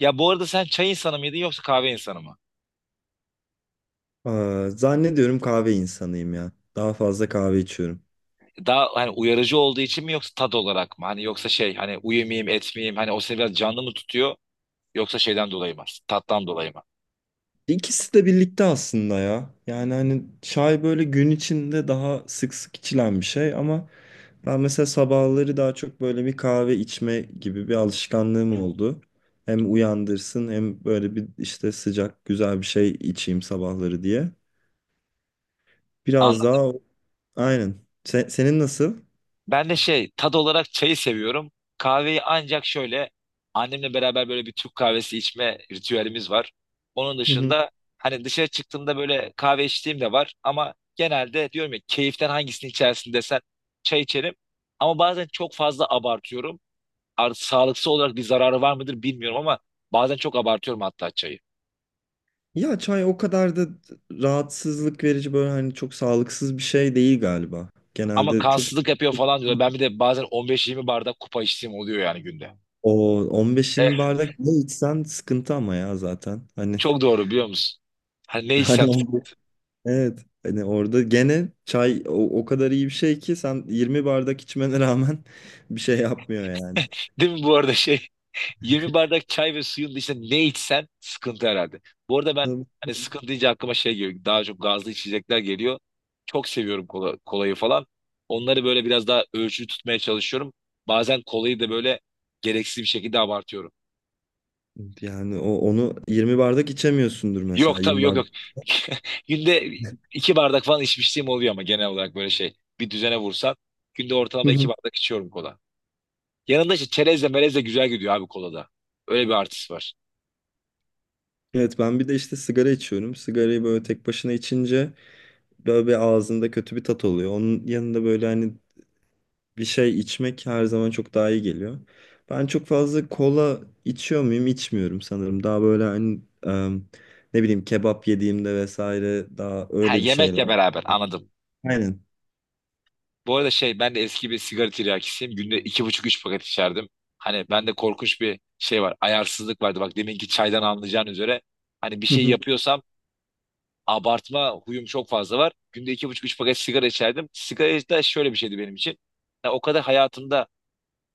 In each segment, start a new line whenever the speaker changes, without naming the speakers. Ya bu arada sen çay insanı mıydın yoksa kahve insanı mı?
Aa, zannediyorum kahve insanıyım ya. Daha fazla kahve içiyorum.
Daha hani uyarıcı olduğu için mi yoksa tat olarak mı? Hani yoksa şey hani uyumayayım etmeyeyim hani o seni biraz canlı mı tutuyor yoksa şeyden dolayı mı? Tattan dolayı mı?
İkisi de birlikte aslında ya. Yani hani çay böyle gün içinde daha sık sık içilen bir şey ama ben mesela sabahları daha çok böyle bir kahve içme gibi bir alışkanlığım oldu. Hem uyandırsın hem böyle bir işte sıcak güzel bir şey içeyim sabahları diye. Biraz
Anladım.
daha o- aynen. Senin nasıl?
Ben de şey tat olarak çayı seviyorum. Kahveyi ancak şöyle annemle beraber böyle bir Türk kahvesi içme ritüelimiz var. Onun dışında hani dışarı çıktığımda böyle kahve içtiğim de var ama genelde diyorum ya keyiften hangisini içersin desen çay içerim. Ama bazen çok fazla abartıyorum. Sağlıksal olarak bir zararı var mıdır bilmiyorum ama bazen çok abartıyorum hatta çayı.
Ya çay o kadar da rahatsızlık verici böyle hani çok sağlıksız bir şey değil galiba.
Ama
Genelde çok
kansızlık yapıyor falan diyor. Ben bir de bazen 15-20 bardak kupa içtiğim oluyor yani günde.
o 15-20
Evet,
bardak ne içsen sıkıntı ama ya zaten. Hani
çok doğru biliyor musun? Hani ne içsem.
hani o- evet, hani orada gene çay o kadar iyi bir şey ki sen 20 bardak içmene rağmen bir şey yapmıyor yani.
Değil mi bu arada şey. 20 bardak çay ve suyun dışında ne içsen sıkıntı herhalde. Bu arada ben
Tabii.
hani sıkıntı deyince aklıma şey geliyor. Daha çok gazlı içecekler geliyor. Çok seviyorum kola, kolayı falan. Onları böyle biraz daha ölçülü tutmaya çalışıyorum. Bazen kolayı da böyle gereksiz bir şekilde abartıyorum.
Yani o onu 20 bardak içemiyorsundur mesela
Yok tabii,
20
yok yok.
bardak.
Günde 2 bardak falan içmişliğim oluyor ama genel olarak böyle şey. Bir düzene vursan günde
Hı
ortalama iki
hı.
bardak içiyorum kola. Yanında işte çerezle melezle güzel gidiyor abi kolada. Öyle bir artısı var.
Evet, ben bir de işte sigara içiyorum. Sigarayı böyle tek başına içince böyle bir ağzında kötü bir tat oluyor. Onun yanında böyle hani bir şey içmek her zaman çok daha iyi geliyor. Ben çok fazla kola içiyor muyum? İçmiyorum sanırım. Daha böyle hani ne bileyim kebap yediğimde vesaire daha
Ha,
öyle bir şeyler.
yemekle beraber, anladım.
Aynen.
Bu arada şey, ben de eski bir sigara tiryakisiyim. Günde 2,5-3 paket içerdim. Hani bende korkunç bir şey var. Ayarsızlık vardı. Bak, deminki çaydan anlayacağın üzere. Hani bir
Hı
şey
hı.
yapıyorsam abartma huyum çok fazla var. Günde iki buçuk üç paket sigara içerdim. Sigara da şöyle bir şeydi benim için. Ya o kadar hayatımda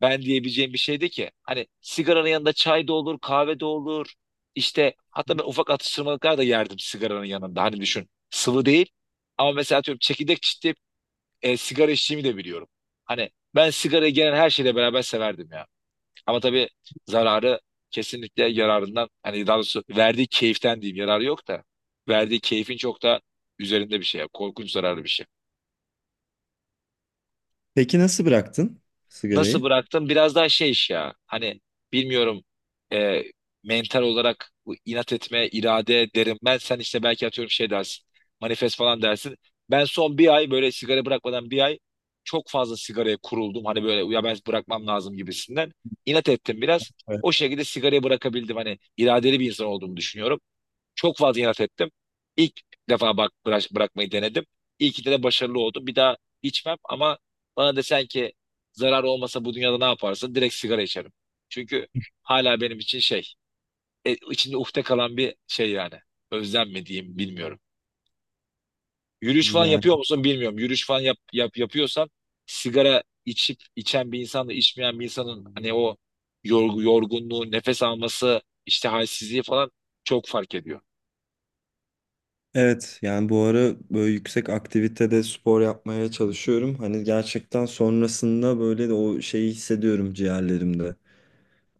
ben diyebileceğim bir şeydi ki. Hani sigaranın yanında çay da olur, kahve de olur. İşte hatta ben ufak atıştırmalıklar da yerdim sigaranın yanında. Hani düşün, sıvı değil. Ama mesela atıyorum, çekirdek çitleyip sigara içtiğimi de biliyorum. Hani ben sigarayı gelen her şeyle beraber severdim ya. Ama tabii zararı kesinlikle yararından, hani daha doğrusu verdiği keyiften diyeyim, yararı yok da verdiği keyfin çok da üzerinde bir şey. Korkunç zararlı bir şey.
Peki nasıl bıraktın
Nasıl
sigarayı?
bıraktım? Biraz daha şey iş ya. Hani bilmiyorum, e, mental olarak bu inat etme, irade derim. Ben sen işte belki atıyorum şey dersin. Manifest falan dersin. Ben son 1 ay böyle sigara bırakmadan, 1 ay çok fazla sigaraya kuruldum. Hani böyle ya, ben bırakmam lazım gibisinden. İnat ettim biraz.
Evet.
O şekilde sigarayı bırakabildim. Hani iradeli bir insan olduğumu düşünüyorum. Çok fazla inat ettim. İlk defa bak bırakmayı denedim. İlk de başarılı oldum. Bir daha içmem ama bana desen ki zarar olmasa bu dünyada ne yaparsın? Direkt sigara içerim. Çünkü hala benim için şey, içinde ufte kalan bir şey yani. Özlem mi diyeyim bilmiyorum. Yürüyüş falan
Yani
yapıyor musun bilmiyorum. Yürüyüş falan yapıyorsan sigara içip içen bir insanla içmeyen bir insanın hani o yorgunluğu, nefes alması, işte halsizliği falan çok fark ediyor.
evet, yani bu ara böyle yüksek aktivitede spor yapmaya çalışıyorum. Hani gerçekten sonrasında böyle de o şeyi hissediyorum ciğerlerimde.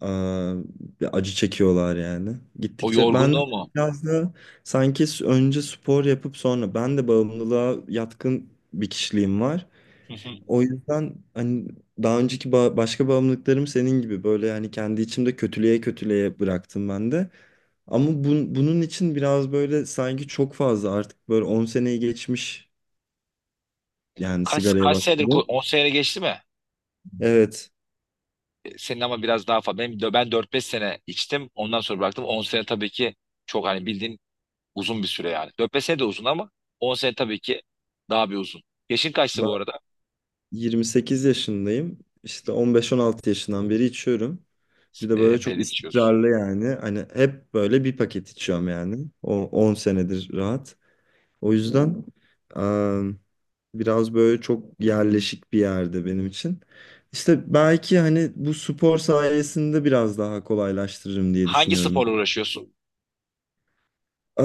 Aa, bir acı çekiyorlar yani.
O
Gittikçe ben de
yorgunluğu mu?
biraz da sanki önce spor yapıp sonra ben de bağımlılığa yatkın bir kişiliğim var. O yüzden hani daha önceki başka bağımlılıklarım senin gibi böyle yani kendi içimde kötülüğe kötülüğe bıraktım ben de. Ama bunun için biraz böyle sanki çok fazla artık böyle 10 seneyi geçmiş yani
Kaç
sigaraya
kaç Evet.
başladım.
10 sene geçti mi?
Evet,
Senin ama biraz daha fazla. Ben 4-5 sene içtim. Ondan sonra bıraktım. 10 sene tabii ki çok, hani bildiğin uzun bir süre yani. 4-5 sene de uzun ama 10 sene tabii ki daha bir uzun. Yaşın kaçtı
ben
bu arada?
28 yaşındayım. İşte 15-16 yaşından beri içiyorum. Bir de böyle çok
Epeydir içiyorsun.
istikrarlı yani. Hani hep böyle bir paket içiyorum yani. O 10 senedir rahat. O yüzden em, biraz böyle çok yerleşik bir yerde benim için. İşte belki hani bu spor sayesinde biraz daha kolaylaştırırım diye
Hangi
düşünüyorum.
sporla uğraşıyorsun?
Ee,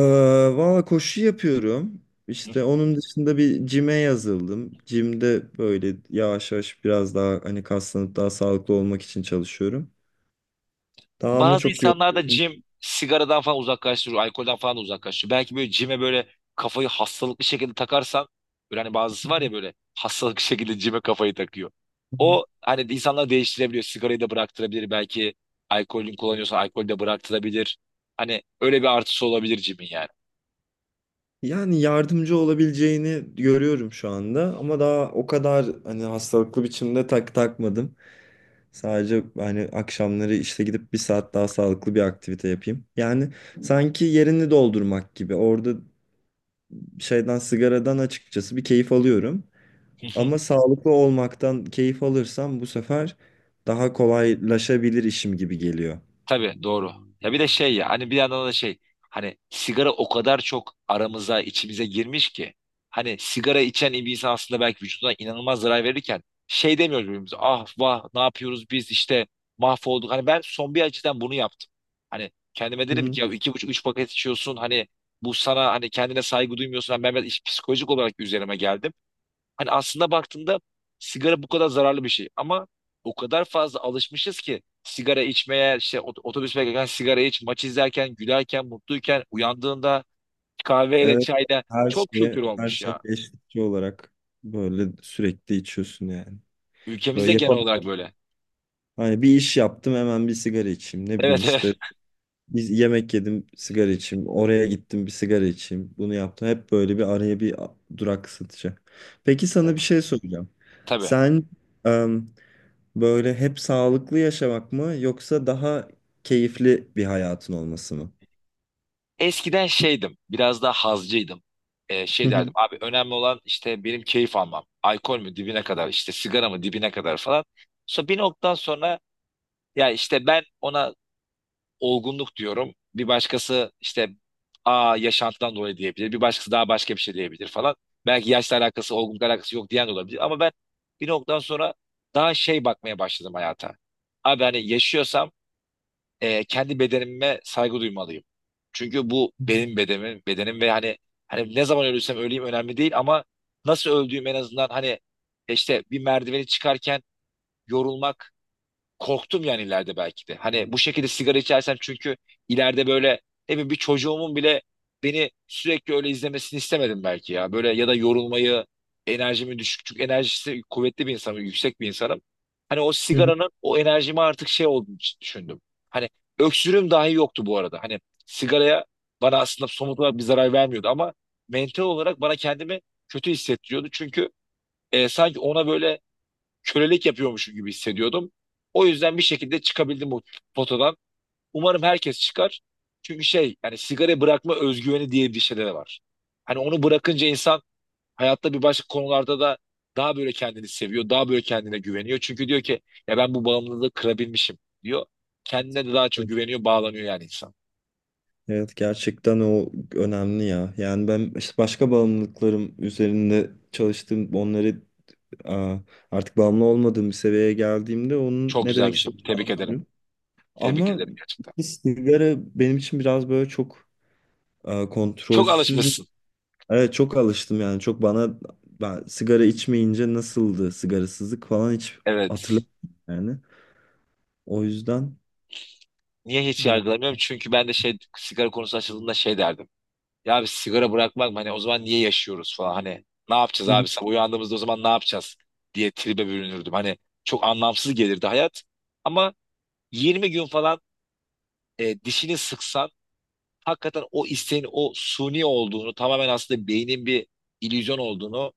Valla koşu yapıyorum. İşte onun dışında bir cime yazıldım. Cimde böyle yavaş yavaş biraz daha hani kaslanıp daha sağlıklı olmak için çalışıyorum. Daha ama
Bazı
çok yol.
insanlar da cim sigaradan falan uzaklaştırıyor, alkolden falan da uzaklaştırıyor. Belki böyle cime böyle kafayı hastalıklı şekilde takarsan, böyle hani bazısı var ya, böyle hastalıklı şekilde cime kafayı takıyor. O hani insanlar değiştirebiliyor. Sigarayı da bıraktırabilir. Belki alkolün kullanıyorsa alkolü de bıraktırabilir. Hani öyle bir artısı olabilir cimin yani.
Yani yardımcı olabileceğini görüyorum şu anda ama daha o kadar hani hastalıklı biçimde takmadım. Sadece hani akşamları işte gidip bir saat daha sağlıklı bir aktivite yapayım. Yani sanki yerini doldurmak gibi. Orada şeyden sigaradan açıkçası bir keyif alıyorum. Ama sağlıklı olmaktan keyif alırsam bu sefer daha kolaylaşabilir işim gibi geliyor.
Tabii, doğru. Ya bir de şey ya, hani bir yandan da şey, hani sigara o kadar çok aramıza, içimize girmiş ki hani sigara içen bir insan aslında belki vücuduna inanılmaz zarar verirken şey demiyoruz birbirimize, ah vah ne yapıyoruz biz işte mahvolduk. Hani ben son bir açıdan bunu yaptım. Hani kendime
Hı
dedim
hı.
ki ya 2,5-3 paket içiyorsun, hani bu sana, hani kendine saygı duymuyorsun. Hani ben biraz psikolojik olarak üzerime geldim. Hani aslında baktığında sigara bu kadar zararlı bir şey ama o kadar fazla alışmışız ki sigara içmeye, işte otobüs beklerken sigara iç, maç izlerken, gülerken, mutluyken, uyandığında kahveyle,
Evet,
çayla
her
çok
şey
kültür
her
olmuş
şey
ya.
eşlikçi olarak böyle sürekli içiyorsun yani. Böyle
Ülkemizde genel
yapamam.
olarak böyle.
Hani bir iş yaptım hemen bir sigara içeyim. Ne bileyim
Evet,
işte
evet.
biz yemek yedim sigara içeyim. Oraya gittim bir sigara içeyim. Bunu yaptım. Hep böyle bir araya durak satacak. Peki
Evet.
sana bir şey soracağım.
Tabii.
Sen em, böyle hep sağlıklı yaşamak mı yoksa daha keyifli bir hayatın olması mı?
Eskiden şeydim, biraz daha hazcıydım.
Hı
Şey
hı.
derdim, abi önemli olan işte benim keyif almam. Alkol mü dibine kadar, işte sigara mı dibine kadar falan. Sonra bir noktadan sonra, ya işte ben ona olgunluk diyorum. Bir başkası işte a yaşantıdan dolayı diyebilir. Bir başkası daha başka bir şey diyebilir falan. Belki yaşla alakası, olgunlukla alakası yok diyen de olabilir. Ama ben bir noktadan sonra daha şey bakmaya başladım hayata. Abi hani yaşıyorsam kendi bedenime saygı duymalıyım. Çünkü bu benim bedenim ve hani, hani ne zaman ölürsem öleyim önemli değil ama nasıl öldüğüm en azından hani, işte bir merdiveni çıkarken yorulmak korktum yani ileride belki de. Hani bu şekilde sigara içersem çünkü ileride böyle ne bileyim bir çocuğumun bile beni sürekli öyle izlemesini istemedim belki ya. Böyle ya da yorulmayı, enerjimi düşük. Çünkü enerjisi kuvvetli bir insanım, yüksek bir insanım. Hani o
Hı hı.
sigaranın o enerjime artık şey olduğunu düşündüm. Hani öksürüğüm dahi yoktu bu arada. Hani sigaraya, bana aslında somut olarak bir zarar vermiyordu ama mental olarak bana kendimi kötü hissettiriyordu. Çünkü sanki ona böyle kölelik yapıyormuşum gibi hissediyordum. O yüzden bir şekilde çıkabildim bu potadan. Umarım herkes çıkar. Çünkü şey yani sigara bırakma özgüveni diye bir şeyler var. Hani onu bırakınca insan hayatta bir başka konularda da daha böyle kendini seviyor, daha böyle kendine güveniyor. Çünkü diyor ki ya, ben bu bağımlılığı kırabilmişim diyor. Kendine de daha çok
Evet,
güveniyor, bağlanıyor yani insan.
evet, gerçekten o önemli ya. Yani ben işte başka bağımlılıklarım üzerinde çalıştım. Onları Aa, artık bağımlı olmadığım bir seviyeye geldiğimde onun
Çok
ne
güzel
demek
bir şey.
istediğini
Tebrik ederim.
anlıyorum.
Tebrik
Ama
ederim gerçekten.
sigara benim için biraz böyle çok
Çok
kontrolsüz.
alışmışsın.
Evet, çok alıştım yani çok bana ben sigara içmeyince nasıldı sigarasızlık falan hiç
Evet.
hatırlamıyorum yani. O yüzden
Niye hiç
biraz
yargılamıyorum? Çünkü ben de şey sigara konusu açıldığında şey derdim. Ya abi sigara bırakmak mı? Hani o zaman niye yaşıyoruz falan, hani ne yapacağız
Hı hı.
abi sabah uyandığımızda, o zaman ne yapacağız diye tribe bürünürdüm. Hani çok anlamsız gelirdi hayat ama 20 gün falan, dişini sıksan hakikaten o isteğin o suni olduğunu, tamamen aslında beynin bir illüzyon olduğunu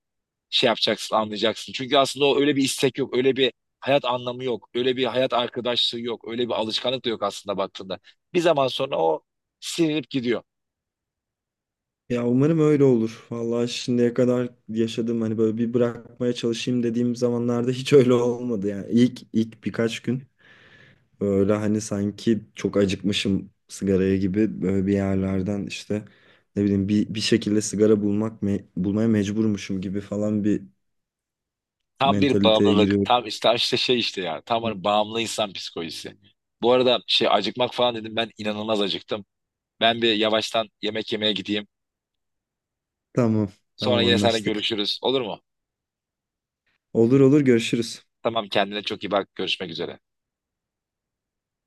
şey yapacaksın, anlayacaksın. Çünkü aslında o, öyle bir istek yok, öyle bir hayat anlamı yok, öyle bir hayat arkadaşlığı yok, öyle bir alışkanlık da yok aslında baktığında. Bir zaman sonra o silinip gidiyor.
Ya umarım öyle olur. Vallahi şimdiye kadar yaşadığım hani böyle bir bırakmaya çalışayım dediğim zamanlarda hiç öyle olmadı yani. İlk birkaç gün böyle hani sanki çok acıkmışım sigaraya gibi böyle bir yerlerden işte ne bileyim bir şekilde sigara bulmaya mecburmuşum gibi falan bir
Tam bir
mentaliteye
bağımlılık.
giriyorum.
Tam işte, işte şey, işte ya. Tam hani bağımlı insan psikolojisi. Bu arada şey, acıkmak falan dedim. Ben inanılmaz acıktım. Ben bir yavaştan yemek yemeye gideyim.
Tamam,
Sonra
tamam
yine seninle
anlaştık.
görüşürüz. Olur mu?
Olur olur görüşürüz.
Tamam, kendine çok iyi bak. Görüşmek üzere.